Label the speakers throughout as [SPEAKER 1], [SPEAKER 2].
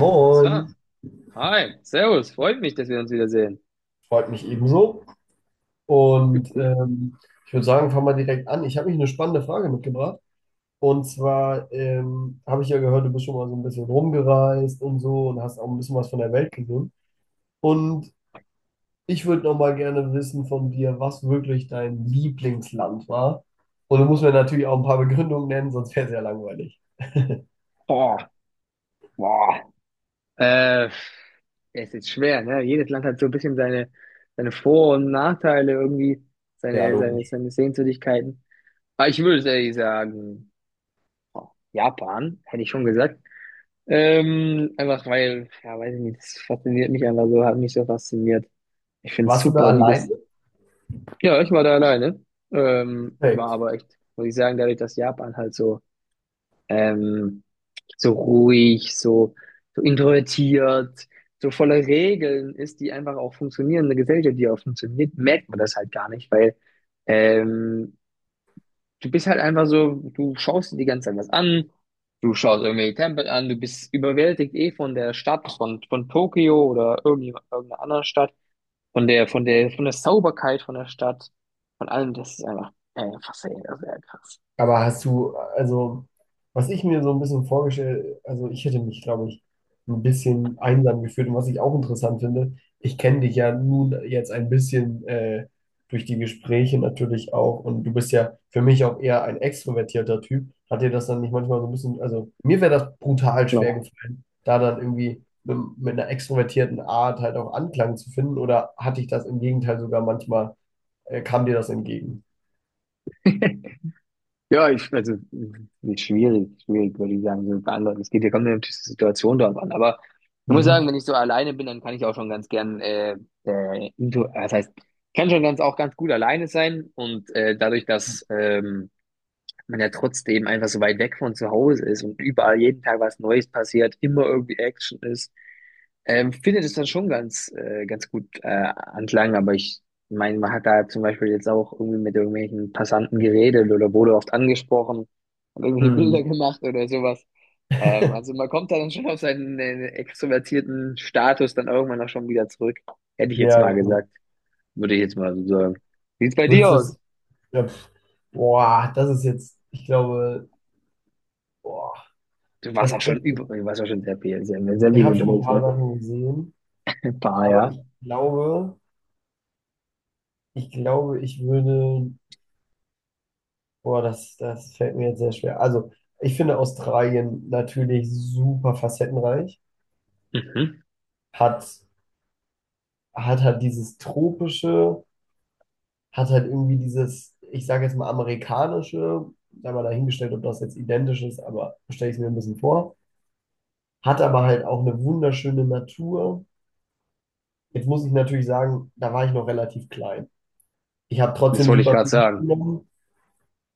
[SPEAKER 1] Moin,
[SPEAKER 2] So, hi, servus, freut mich, dass wir uns wiedersehen.
[SPEAKER 1] freut mich ebenso. Und
[SPEAKER 2] Gut.
[SPEAKER 1] ich würde sagen, fangen wir direkt an. Ich habe mich eine spannende Frage mitgebracht. Und zwar habe ich ja gehört, du bist schon mal so ein bisschen rumgereist und so und hast auch ein bisschen was von der Welt gesehen. Und ich würde noch mal gerne wissen von dir, was wirklich dein Lieblingsland war. Und du musst mir natürlich auch ein paar Begründungen nennen, sonst wäre es ja langweilig.
[SPEAKER 2] Boah, boah. Äh, es ist schwer, ne? Jedes Land hat so ein bisschen seine Vor- und Nachteile irgendwie,
[SPEAKER 1] Ja, logisch.
[SPEAKER 2] seine Sehenswürdigkeiten. Aber ich würde ehrlich sagen, boah, Japan, hätte ich schon gesagt. Einfach weil, ja, weiß ich nicht, das fasziniert mich einfach so, hat mich so fasziniert. Ich finde es
[SPEAKER 1] Warst du da
[SPEAKER 2] super, wie
[SPEAKER 1] alleine?
[SPEAKER 2] das. Ja, ich war da alleine. War
[SPEAKER 1] Nee.
[SPEAKER 2] aber echt, muss ich sagen, dadurch, dass Japan halt so. ähm, so ruhig, so, so introvertiert, so voller Regeln ist, die einfach auch funktionieren. Eine Gesellschaft, die auch funktioniert, merkt man das halt gar nicht, weil ähm, du bist halt einfach so, du schaust dir die ganze Zeit was an, du schaust irgendwelche Tempel an, du bist überwältigt eh von der Stadt, von Tokio oder irgendeiner anderen Stadt, von der Sauberkeit von der Stadt, von allem, das ist einfach, faszinierend, sehr krass.
[SPEAKER 1] Aber hast du, also, was ich mir so ein bisschen vorgestellt, also ich hätte mich, glaube ich, ein bisschen einsam gefühlt. Und was ich auch interessant finde, ich kenne dich ja nun jetzt ein bisschen durch die Gespräche natürlich auch. Und du bist ja für mich auch eher ein extrovertierter Typ. Hat dir das dann nicht manchmal so ein bisschen, also mir wäre das brutal schwer
[SPEAKER 2] So.
[SPEAKER 1] gefallen, da dann irgendwie mit einer extrovertierten Art halt auch Anklang zu finden. Oder hatte ich das im Gegenteil sogar manchmal, kam dir das entgegen?
[SPEAKER 2] Ja, also, ist schwierig, würde ich sagen, so beantworten. Es geht ja kommt ja natürlich die Situation drauf an. Aber ich muss sagen,
[SPEAKER 1] Mhm.
[SPEAKER 2] wenn ich so alleine bin, dann kann ich auch schon ganz gern, das heißt, ich kann schon ganz, auch ganz gut alleine sein. Und dadurch, dass man ja trotzdem einfach so weit weg von zu Hause ist und überall jeden Tag was Neues passiert, immer irgendwie Action ist, finde das dann schon ganz, ganz gut anklang, aber ich meine, man hat da zum Beispiel jetzt auch irgendwie mit irgendwelchen Passanten geredet oder wurde oft angesprochen und irgendwie Bilder
[SPEAKER 1] Mhm.
[SPEAKER 2] gemacht oder sowas. Ähm, also man kommt da dann schon auf seinen extrovertierten Status dann irgendwann auch schon wieder zurück. Hätte ich jetzt
[SPEAKER 1] Ja,
[SPEAKER 2] mal
[SPEAKER 1] okay.
[SPEAKER 2] gesagt, würde ich jetzt mal so sagen. Sieht's bei dir
[SPEAKER 1] Würdest du es.
[SPEAKER 2] aus?
[SPEAKER 1] Ja, pf. Boah, das ist jetzt, ich glaube, boah,
[SPEAKER 2] Du warst
[SPEAKER 1] das
[SPEAKER 2] auch schon
[SPEAKER 1] Beste.
[SPEAKER 2] du warst auch schon sehr viel, sehr
[SPEAKER 1] Ich
[SPEAKER 2] viel
[SPEAKER 1] habe schon ein
[SPEAKER 2] unterwegs,
[SPEAKER 1] paar
[SPEAKER 2] ne?
[SPEAKER 1] Sachen gesehen,
[SPEAKER 2] Ein paar,
[SPEAKER 1] aber ich
[SPEAKER 2] ja.
[SPEAKER 1] glaube, ich glaube, ich würde. Boah, das fällt mir jetzt sehr schwer. Also, ich finde Australien natürlich super facettenreich.
[SPEAKER 2] Mhm.
[SPEAKER 1] Hat, hat halt dieses tropische, hat halt irgendwie dieses, ich sage jetzt mal amerikanische, da mal dahingestellt, ob das jetzt identisch ist, aber stelle ich es mir ein bisschen vor. Hat aber halt auch eine wunderschöne Natur. Jetzt muss ich natürlich sagen, da war ich noch relativ klein. Ich habe
[SPEAKER 2] Das
[SPEAKER 1] trotzdem
[SPEAKER 2] wollte ich
[SPEAKER 1] super
[SPEAKER 2] gerade
[SPEAKER 1] viel
[SPEAKER 2] sagen.
[SPEAKER 1] mitgenommen.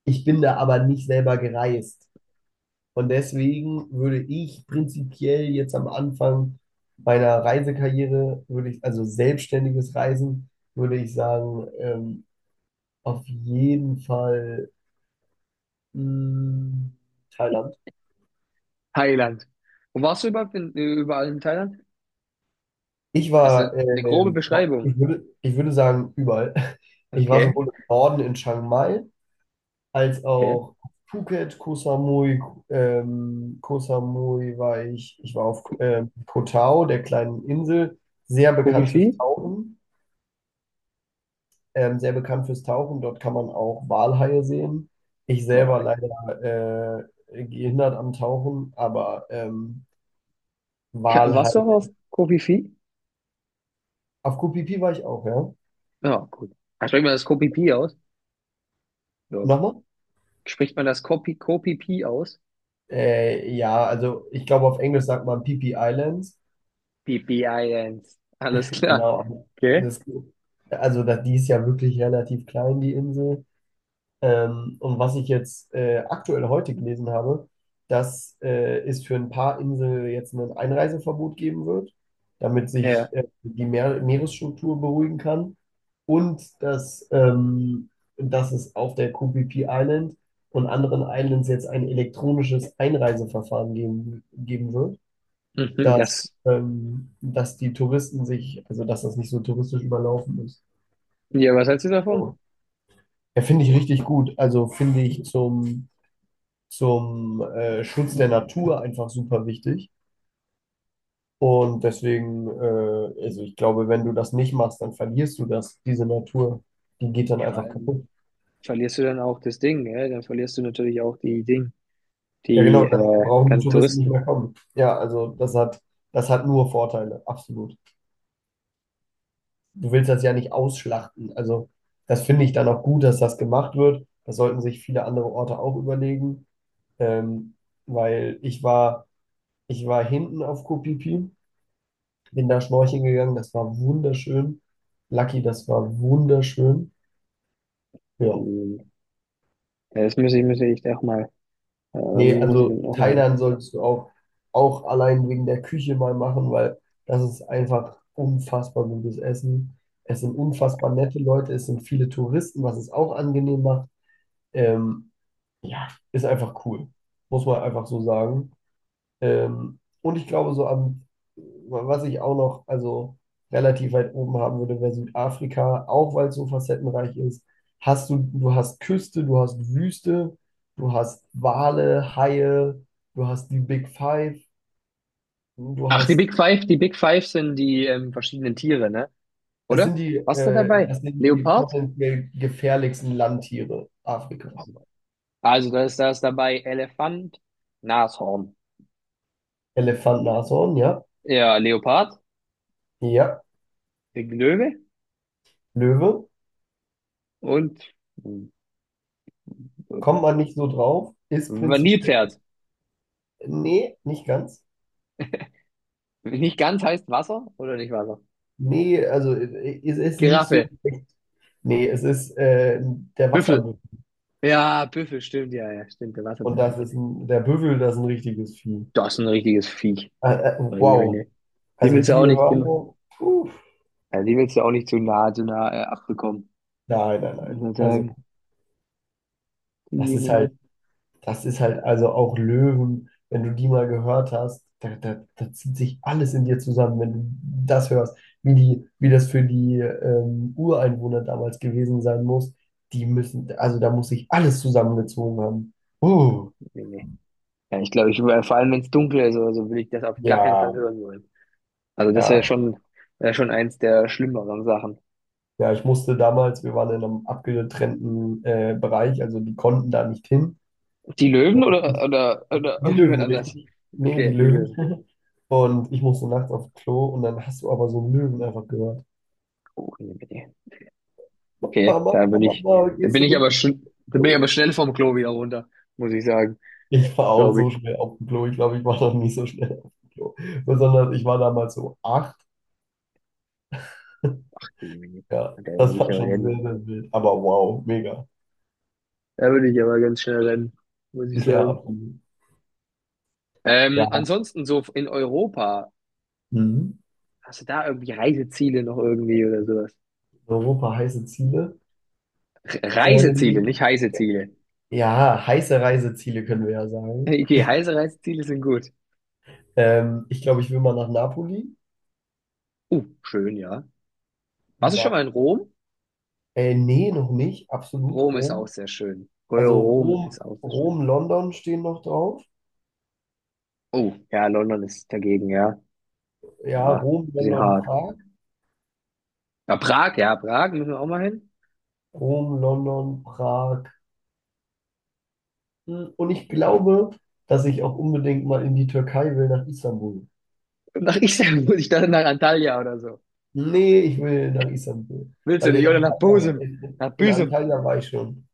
[SPEAKER 1] Ich bin da aber nicht selber gereist. Und deswegen würde ich prinzipiell jetzt am Anfang meiner Reisekarriere, würde ich, also selbstständiges Reisen, würde ich sagen, auf jeden Fall mh, Thailand.
[SPEAKER 2] Thailand. Wo warst du überall in Thailand?
[SPEAKER 1] Ich
[SPEAKER 2] Also
[SPEAKER 1] war,
[SPEAKER 2] eine grobe
[SPEAKER 1] boah,
[SPEAKER 2] Beschreibung.
[SPEAKER 1] ich würde sagen, überall. Ich war
[SPEAKER 2] Okay,
[SPEAKER 1] sowohl im Norden in Chiang Mai, als
[SPEAKER 2] okay.
[SPEAKER 1] auch auf Phuket, Koh Samui, Koh Samui war ich, ich war auf
[SPEAKER 2] Ko-
[SPEAKER 1] Koh Tao, der kleinen Insel, sehr bekannt
[SPEAKER 2] Kofi-Fi?
[SPEAKER 1] fürs Tauchen, sehr bekannt fürs Tauchen, dort kann man auch Walhaie sehen. Ich selber
[SPEAKER 2] Geil.
[SPEAKER 1] leider gehindert am Tauchen, aber
[SPEAKER 2] Warst du auch
[SPEAKER 1] Walhaie.
[SPEAKER 2] auf Kofi-Fi?
[SPEAKER 1] Auf Koh Phi Phi war ich auch, ja.
[SPEAKER 2] Ja, gut. Ah, spricht man das Kopi-Pi aus? Ja.
[SPEAKER 1] Nochmal?
[SPEAKER 2] Spricht man das Kopi-Pi aus?
[SPEAKER 1] Ja, also ich glaube auf Englisch sagt man Phi Phi Islands.
[SPEAKER 2] Pipi-Islands. Alles klar.
[SPEAKER 1] Genau,
[SPEAKER 2] Okay.
[SPEAKER 1] das, also das, die ist ja wirklich relativ klein, die Insel. Und was ich jetzt aktuell heute gelesen habe, dass es für ein paar Inseln jetzt ein Einreiseverbot geben wird, damit sich
[SPEAKER 2] Ja.
[SPEAKER 1] die Meeresstruktur beruhigen kann. Und dass es auf der QPP Island und anderen Islands jetzt ein elektronisches Einreiseverfahren geben wird,
[SPEAKER 2] Mhm.
[SPEAKER 1] dass,
[SPEAKER 2] Das,
[SPEAKER 1] ähm, dass die Touristen sich, also dass das nicht so touristisch überlaufen ist.
[SPEAKER 2] ja, was hältst du davon?
[SPEAKER 1] So. Ja, finde ich richtig gut. Also finde ich zum Schutz der Natur einfach super wichtig. Und deswegen, also ich glaube, wenn du das nicht machst, dann verlierst du das, diese Natur. Die geht dann
[SPEAKER 2] Ja, vor
[SPEAKER 1] einfach
[SPEAKER 2] allem
[SPEAKER 1] kaputt.
[SPEAKER 2] verlierst du dann auch das Ding, gell? Dann verlierst du natürlich auch die Ding,
[SPEAKER 1] Ja,
[SPEAKER 2] die
[SPEAKER 1] genau, dann brauchen die
[SPEAKER 2] ganzen
[SPEAKER 1] Touristen nicht
[SPEAKER 2] Touristen.
[SPEAKER 1] mehr kommen. Ja, also das hat nur Vorteile, absolut. Du willst das ja nicht ausschlachten. Also das finde ich dann auch gut, dass das gemacht wird. Das sollten sich viele andere Orte auch überlegen. Ähm, weil ich war, hinten auf Koh Phi Phi bin da schnorcheln gegangen, das war wunderschön. Lucky, das war wunderschön. Ja.
[SPEAKER 2] Die, ja, das muss ich,
[SPEAKER 1] Nee,
[SPEAKER 2] muss ich dann
[SPEAKER 1] also
[SPEAKER 2] auch mal hin.
[SPEAKER 1] Thailand solltest du auch allein wegen der Küche mal machen, weil das ist einfach unfassbar gutes Essen. Es sind unfassbar nette Leute, es sind viele Touristen, was es auch angenehm macht. Ähm, ja, ist einfach cool. Muss man einfach so sagen. Und ich glaube, so am, was ich auch noch, also relativ weit oben haben würde, wäre Südafrika, auch weil es so facettenreich ist. Hast du, du hast Küste, du hast Wüste, du hast Wale, Haie, du hast die Big Five, du
[SPEAKER 2] Ach,
[SPEAKER 1] hast,
[SPEAKER 2] Die Big Five sind die verschiedenen Tiere, ne?
[SPEAKER 1] das sind
[SPEAKER 2] Oder?
[SPEAKER 1] die,
[SPEAKER 2] Was ist da
[SPEAKER 1] äh,
[SPEAKER 2] dabei?
[SPEAKER 1] das sind die
[SPEAKER 2] Leopard?
[SPEAKER 1] potenziell gefährlichsten Landtiere Afrikas.
[SPEAKER 2] Also da ist dabei Elefant, Nashorn,
[SPEAKER 1] Elefant, Nashorn, ja,
[SPEAKER 2] ja, Leopard,
[SPEAKER 1] ja,
[SPEAKER 2] Löwe
[SPEAKER 1] Löwe,
[SPEAKER 2] und äh,
[SPEAKER 1] kommt man nicht so drauf, ist prinzipiell,
[SPEAKER 2] Nilpferd.
[SPEAKER 1] nee, nicht ganz.
[SPEAKER 2] Nicht ganz heißt Wasser oder nicht Wasser?
[SPEAKER 1] Nee, also es ist nicht so
[SPEAKER 2] Giraffe,
[SPEAKER 1] schlecht. Nee, es ist der
[SPEAKER 2] Büffel.
[SPEAKER 1] Wasserbüffel.
[SPEAKER 2] Ja, Büffel, stimmt, ja, ja, stimmt, der
[SPEAKER 1] Und
[SPEAKER 2] Wasserbüffel.
[SPEAKER 1] das ist der Büffel, das ist ein richtiges Vieh.
[SPEAKER 2] Das ist ein richtiges Viech.
[SPEAKER 1] Äh, äh,
[SPEAKER 2] Meine
[SPEAKER 1] wow.
[SPEAKER 2] Güte. Den
[SPEAKER 1] Also
[SPEAKER 2] willst du
[SPEAKER 1] die
[SPEAKER 2] auch nicht, den,
[SPEAKER 1] Hörner, puh.
[SPEAKER 2] ja, den willst du auch nicht zu nah, zu nah abbekommen.
[SPEAKER 1] Nein, nein,
[SPEAKER 2] Ich
[SPEAKER 1] nein.
[SPEAKER 2] würde
[SPEAKER 1] Also
[SPEAKER 2] sagen, die
[SPEAKER 1] das ist
[SPEAKER 2] Jemine.
[SPEAKER 1] halt, das ist halt, also auch Löwen, wenn du die mal gehört hast, da zieht sich alles in dir zusammen, wenn du das hörst, wie die, wie das für die Ureinwohner damals gewesen sein muss. Die müssen, also da muss sich alles zusammengezogen haben. Uh,
[SPEAKER 2] Nee, nee. Ja, ich glaube, vor allem wenn es dunkel ist oder so, will ich das auf gar keinen Fall
[SPEAKER 1] ja.
[SPEAKER 2] hören wollen. Also das
[SPEAKER 1] Ja,
[SPEAKER 2] wäre schon eins der schlimmeren Sachen.
[SPEAKER 1] ja, ich musste damals, wir waren in einem abgetrennten Bereich, also die konnten da nicht hin.
[SPEAKER 2] Die Löwen oder, oder
[SPEAKER 1] Die
[SPEAKER 2] irgendjemand
[SPEAKER 1] Löwen,
[SPEAKER 2] anders?
[SPEAKER 1] richtig? Nee, die
[SPEAKER 2] Okay, die
[SPEAKER 1] Löwen.
[SPEAKER 2] Löwen.
[SPEAKER 1] Und ich musste nachts aufs Klo und dann hast du aber so einen Löwen einfach gehört.
[SPEAKER 2] Oh, nee, nee. Okay,
[SPEAKER 1] Mama, Mama, Mama,
[SPEAKER 2] da
[SPEAKER 1] gehst
[SPEAKER 2] bin
[SPEAKER 1] du
[SPEAKER 2] ich
[SPEAKER 1] mit
[SPEAKER 2] aber
[SPEAKER 1] aufs
[SPEAKER 2] schon, da bin ich aber
[SPEAKER 1] Klo?
[SPEAKER 2] schnell vom Klo wieder runter, muss ich sagen,
[SPEAKER 1] Ich war auch
[SPEAKER 2] glaube
[SPEAKER 1] so
[SPEAKER 2] ich.
[SPEAKER 1] schnell auf dem Klo. Ich glaube, ich war noch nie so schnell auf dem Klo. Besonders, ich war damals so 8.
[SPEAKER 2] Nee, nee, nee.
[SPEAKER 1] Ja,
[SPEAKER 2] Da würde
[SPEAKER 1] das
[SPEAKER 2] ich
[SPEAKER 1] war
[SPEAKER 2] aber
[SPEAKER 1] schon sehr,
[SPEAKER 2] rennen.
[SPEAKER 1] sehr wild. Aber wow, mega.
[SPEAKER 2] Da würde ich aber ganz schnell rennen, muss ich
[SPEAKER 1] Ja,
[SPEAKER 2] sagen.
[SPEAKER 1] absolut.
[SPEAKER 2] Ähm,
[SPEAKER 1] Ja.
[SPEAKER 2] ansonsten so in Europa,
[SPEAKER 1] Mhm.
[SPEAKER 2] hast du da irgendwie Reiseziele noch irgendwie oder sowas?
[SPEAKER 1] Europa heiße Ziele.
[SPEAKER 2] Reiseziele,
[SPEAKER 1] Ähm,
[SPEAKER 2] nicht heiße Ziele.
[SPEAKER 1] ja, heiße Reiseziele können wir ja sagen.
[SPEAKER 2] Okay, heiße Reiseziele sind gut.
[SPEAKER 1] Ich glaube, ich will mal nach Napoli.
[SPEAKER 2] Schön, ja. Warst du schon
[SPEAKER 1] Nap
[SPEAKER 2] mal in Rom?
[SPEAKER 1] nee, noch nicht. Absolut
[SPEAKER 2] Rom ist auch
[SPEAKER 1] Rom.
[SPEAKER 2] sehr schön. Oh,
[SPEAKER 1] Also
[SPEAKER 2] Rom
[SPEAKER 1] Rom,
[SPEAKER 2] ist auch sehr schön.
[SPEAKER 1] Rom, London stehen noch drauf.
[SPEAKER 2] Oh ja, London ist dagegen, ja.
[SPEAKER 1] Ja,
[SPEAKER 2] Ja,
[SPEAKER 1] Rom,
[SPEAKER 2] bisschen
[SPEAKER 1] London,
[SPEAKER 2] hart.
[SPEAKER 1] Prag.
[SPEAKER 2] Ja, Prag müssen wir auch mal hin.
[SPEAKER 1] Rom, London, Prag. Hm. Und ich glaube, dass ich auch unbedingt mal in die Türkei will, nach Istanbul.
[SPEAKER 2] Und nach Istanbul, muss ich dann nach Antalya oder so.
[SPEAKER 1] Nee, ich will nach Istanbul.
[SPEAKER 2] Willst du
[SPEAKER 1] Weil
[SPEAKER 2] nicht?
[SPEAKER 1] in
[SPEAKER 2] Oder nach
[SPEAKER 1] Antalya,
[SPEAKER 2] Bosum,
[SPEAKER 1] in,
[SPEAKER 2] nach
[SPEAKER 1] in
[SPEAKER 2] Büsum.
[SPEAKER 1] Antalya war ich schon.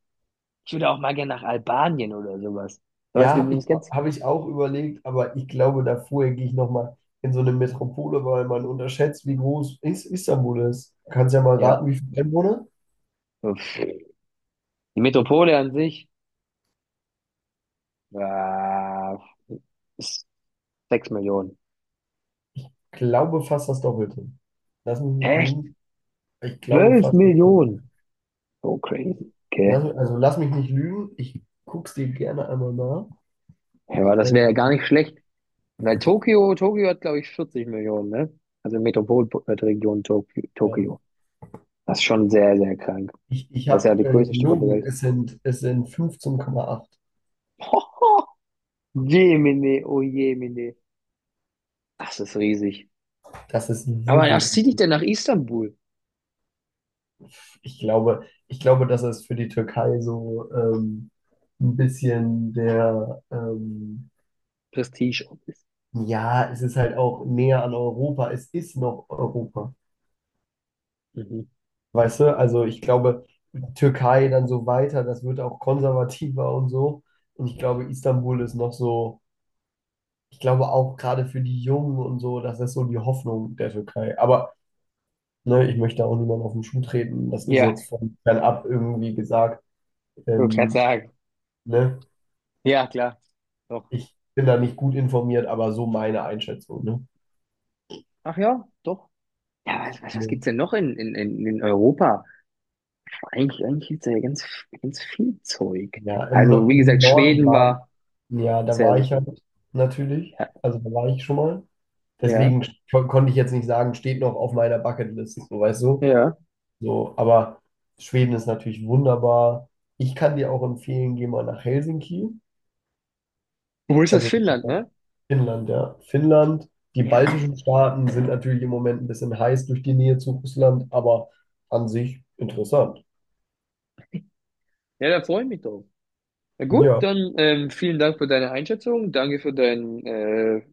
[SPEAKER 2] Ich würde auch mal gerne nach Albanien oder sowas. Was
[SPEAKER 1] Ja, habe ich,
[SPEAKER 2] übrigens ganz,
[SPEAKER 1] hab ich auch überlegt, aber ich glaube, da vorher gehe ich nochmal in so eine Metropole, weil man unterschätzt, wie groß Istanbul ist. Kannst ja mal
[SPEAKER 2] ja.
[SPEAKER 1] raten, wie viele Einwohner?
[SPEAKER 2] Uff. Die Metropole an sich, äh, ist 6 Millionen.
[SPEAKER 1] Glaube fast das Doppelte. Lass mich nicht
[SPEAKER 2] Echt?
[SPEAKER 1] lügen. Ich glaube
[SPEAKER 2] Zwölf
[SPEAKER 1] fast, das
[SPEAKER 2] Millionen?
[SPEAKER 1] Doppelte.
[SPEAKER 2] So crazy. Okay.
[SPEAKER 1] Also lass mich nicht lügen. Ich guck's dir gerne einmal nach.
[SPEAKER 2] Ja, aber das wäre ja gar
[SPEAKER 1] Ähm,
[SPEAKER 2] nicht schlecht. Weil Tokio, Tokio hat, glaube ich, 40 Millionen, ne? Also Metropolregion Tokio,
[SPEAKER 1] ja.
[SPEAKER 2] Tokio. Das ist schon sehr, sehr krank.
[SPEAKER 1] Ich
[SPEAKER 2] Das ist ja
[SPEAKER 1] habe
[SPEAKER 2] die größte Stadt der
[SPEAKER 1] gelogen,
[SPEAKER 2] Welt.
[SPEAKER 1] es sind 15,8.
[SPEAKER 2] Jemine, oh Jemine. Das ist riesig.
[SPEAKER 1] Das ist
[SPEAKER 2] Aber
[SPEAKER 1] wirklich.
[SPEAKER 2] das zieht dich dann nach Istanbul.
[SPEAKER 1] Ich glaube, dass es für die Türkei so ein bisschen der,
[SPEAKER 2] Prestige Office.
[SPEAKER 1] ja, es ist halt auch näher an Europa. Es ist noch Europa.
[SPEAKER 2] Mhm.
[SPEAKER 1] Weißt du? Also ich glaube, Türkei dann so weiter, das wird auch konservativer und so. Und ich glaube, Istanbul ist noch so, ich glaube auch gerade für die Jungen und so, das ist so die Hoffnung der Türkei. Aber ne, ich möchte auch niemandem auf den Schuh treten. Das ist
[SPEAKER 2] Ja,
[SPEAKER 1] jetzt von fernab irgendwie gesagt.
[SPEAKER 2] würde gerade
[SPEAKER 1] Ähm,
[SPEAKER 2] sagen.
[SPEAKER 1] ne?
[SPEAKER 2] Ja, klar. Doch.
[SPEAKER 1] Ich bin da nicht gut informiert, aber so meine Einschätzung, ne?
[SPEAKER 2] Ach ja, doch. Ja, was
[SPEAKER 1] Ne.
[SPEAKER 2] gibt's denn noch in in Europa? Eigentlich, eigentlich gibt's da ja ganz, ganz viel Zeug.
[SPEAKER 1] Ja, im, No-
[SPEAKER 2] Also, wie
[SPEAKER 1] im
[SPEAKER 2] gesagt,
[SPEAKER 1] Norden
[SPEAKER 2] Schweden
[SPEAKER 1] war,
[SPEAKER 2] war
[SPEAKER 1] ja, da
[SPEAKER 2] sehr,
[SPEAKER 1] war
[SPEAKER 2] sehr
[SPEAKER 1] ich halt
[SPEAKER 2] schön.
[SPEAKER 1] natürlich.
[SPEAKER 2] Ja,
[SPEAKER 1] Also da war ich schon mal.
[SPEAKER 2] ja,
[SPEAKER 1] Deswegen konnte ich jetzt nicht sagen, steht noch auf meiner Bucketlist, so weißt du.
[SPEAKER 2] ja.
[SPEAKER 1] So, aber Schweden ist natürlich wunderbar. Ich kann dir auch empfehlen, geh mal nach Helsinki.
[SPEAKER 2] Wo ist das
[SPEAKER 1] Also
[SPEAKER 2] Finnland, ne?
[SPEAKER 1] Finnland, ja. Finnland. Die
[SPEAKER 2] Ja, da.
[SPEAKER 1] baltischen Staaten sind natürlich im Moment ein bisschen heiß durch die Nähe zu Russland, aber an sich interessant.
[SPEAKER 2] Ja, da freue ich mich drauf. Na gut,
[SPEAKER 1] Ja.
[SPEAKER 2] dann vielen Dank für deine Einschätzung, danke für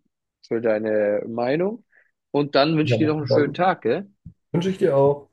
[SPEAKER 2] für deine Meinung und dann
[SPEAKER 1] Ich
[SPEAKER 2] wünsche ich dir
[SPEAKER 1] habe
[SPEAKER 2] noch
[SPEAKER 1] zu
[SPEAKER 2] einen schönen
[SPEAKER 1] danken.
[SPEAKER 2] Tag, gell?
[SPEAKER 1] Wünsche ich dir auch.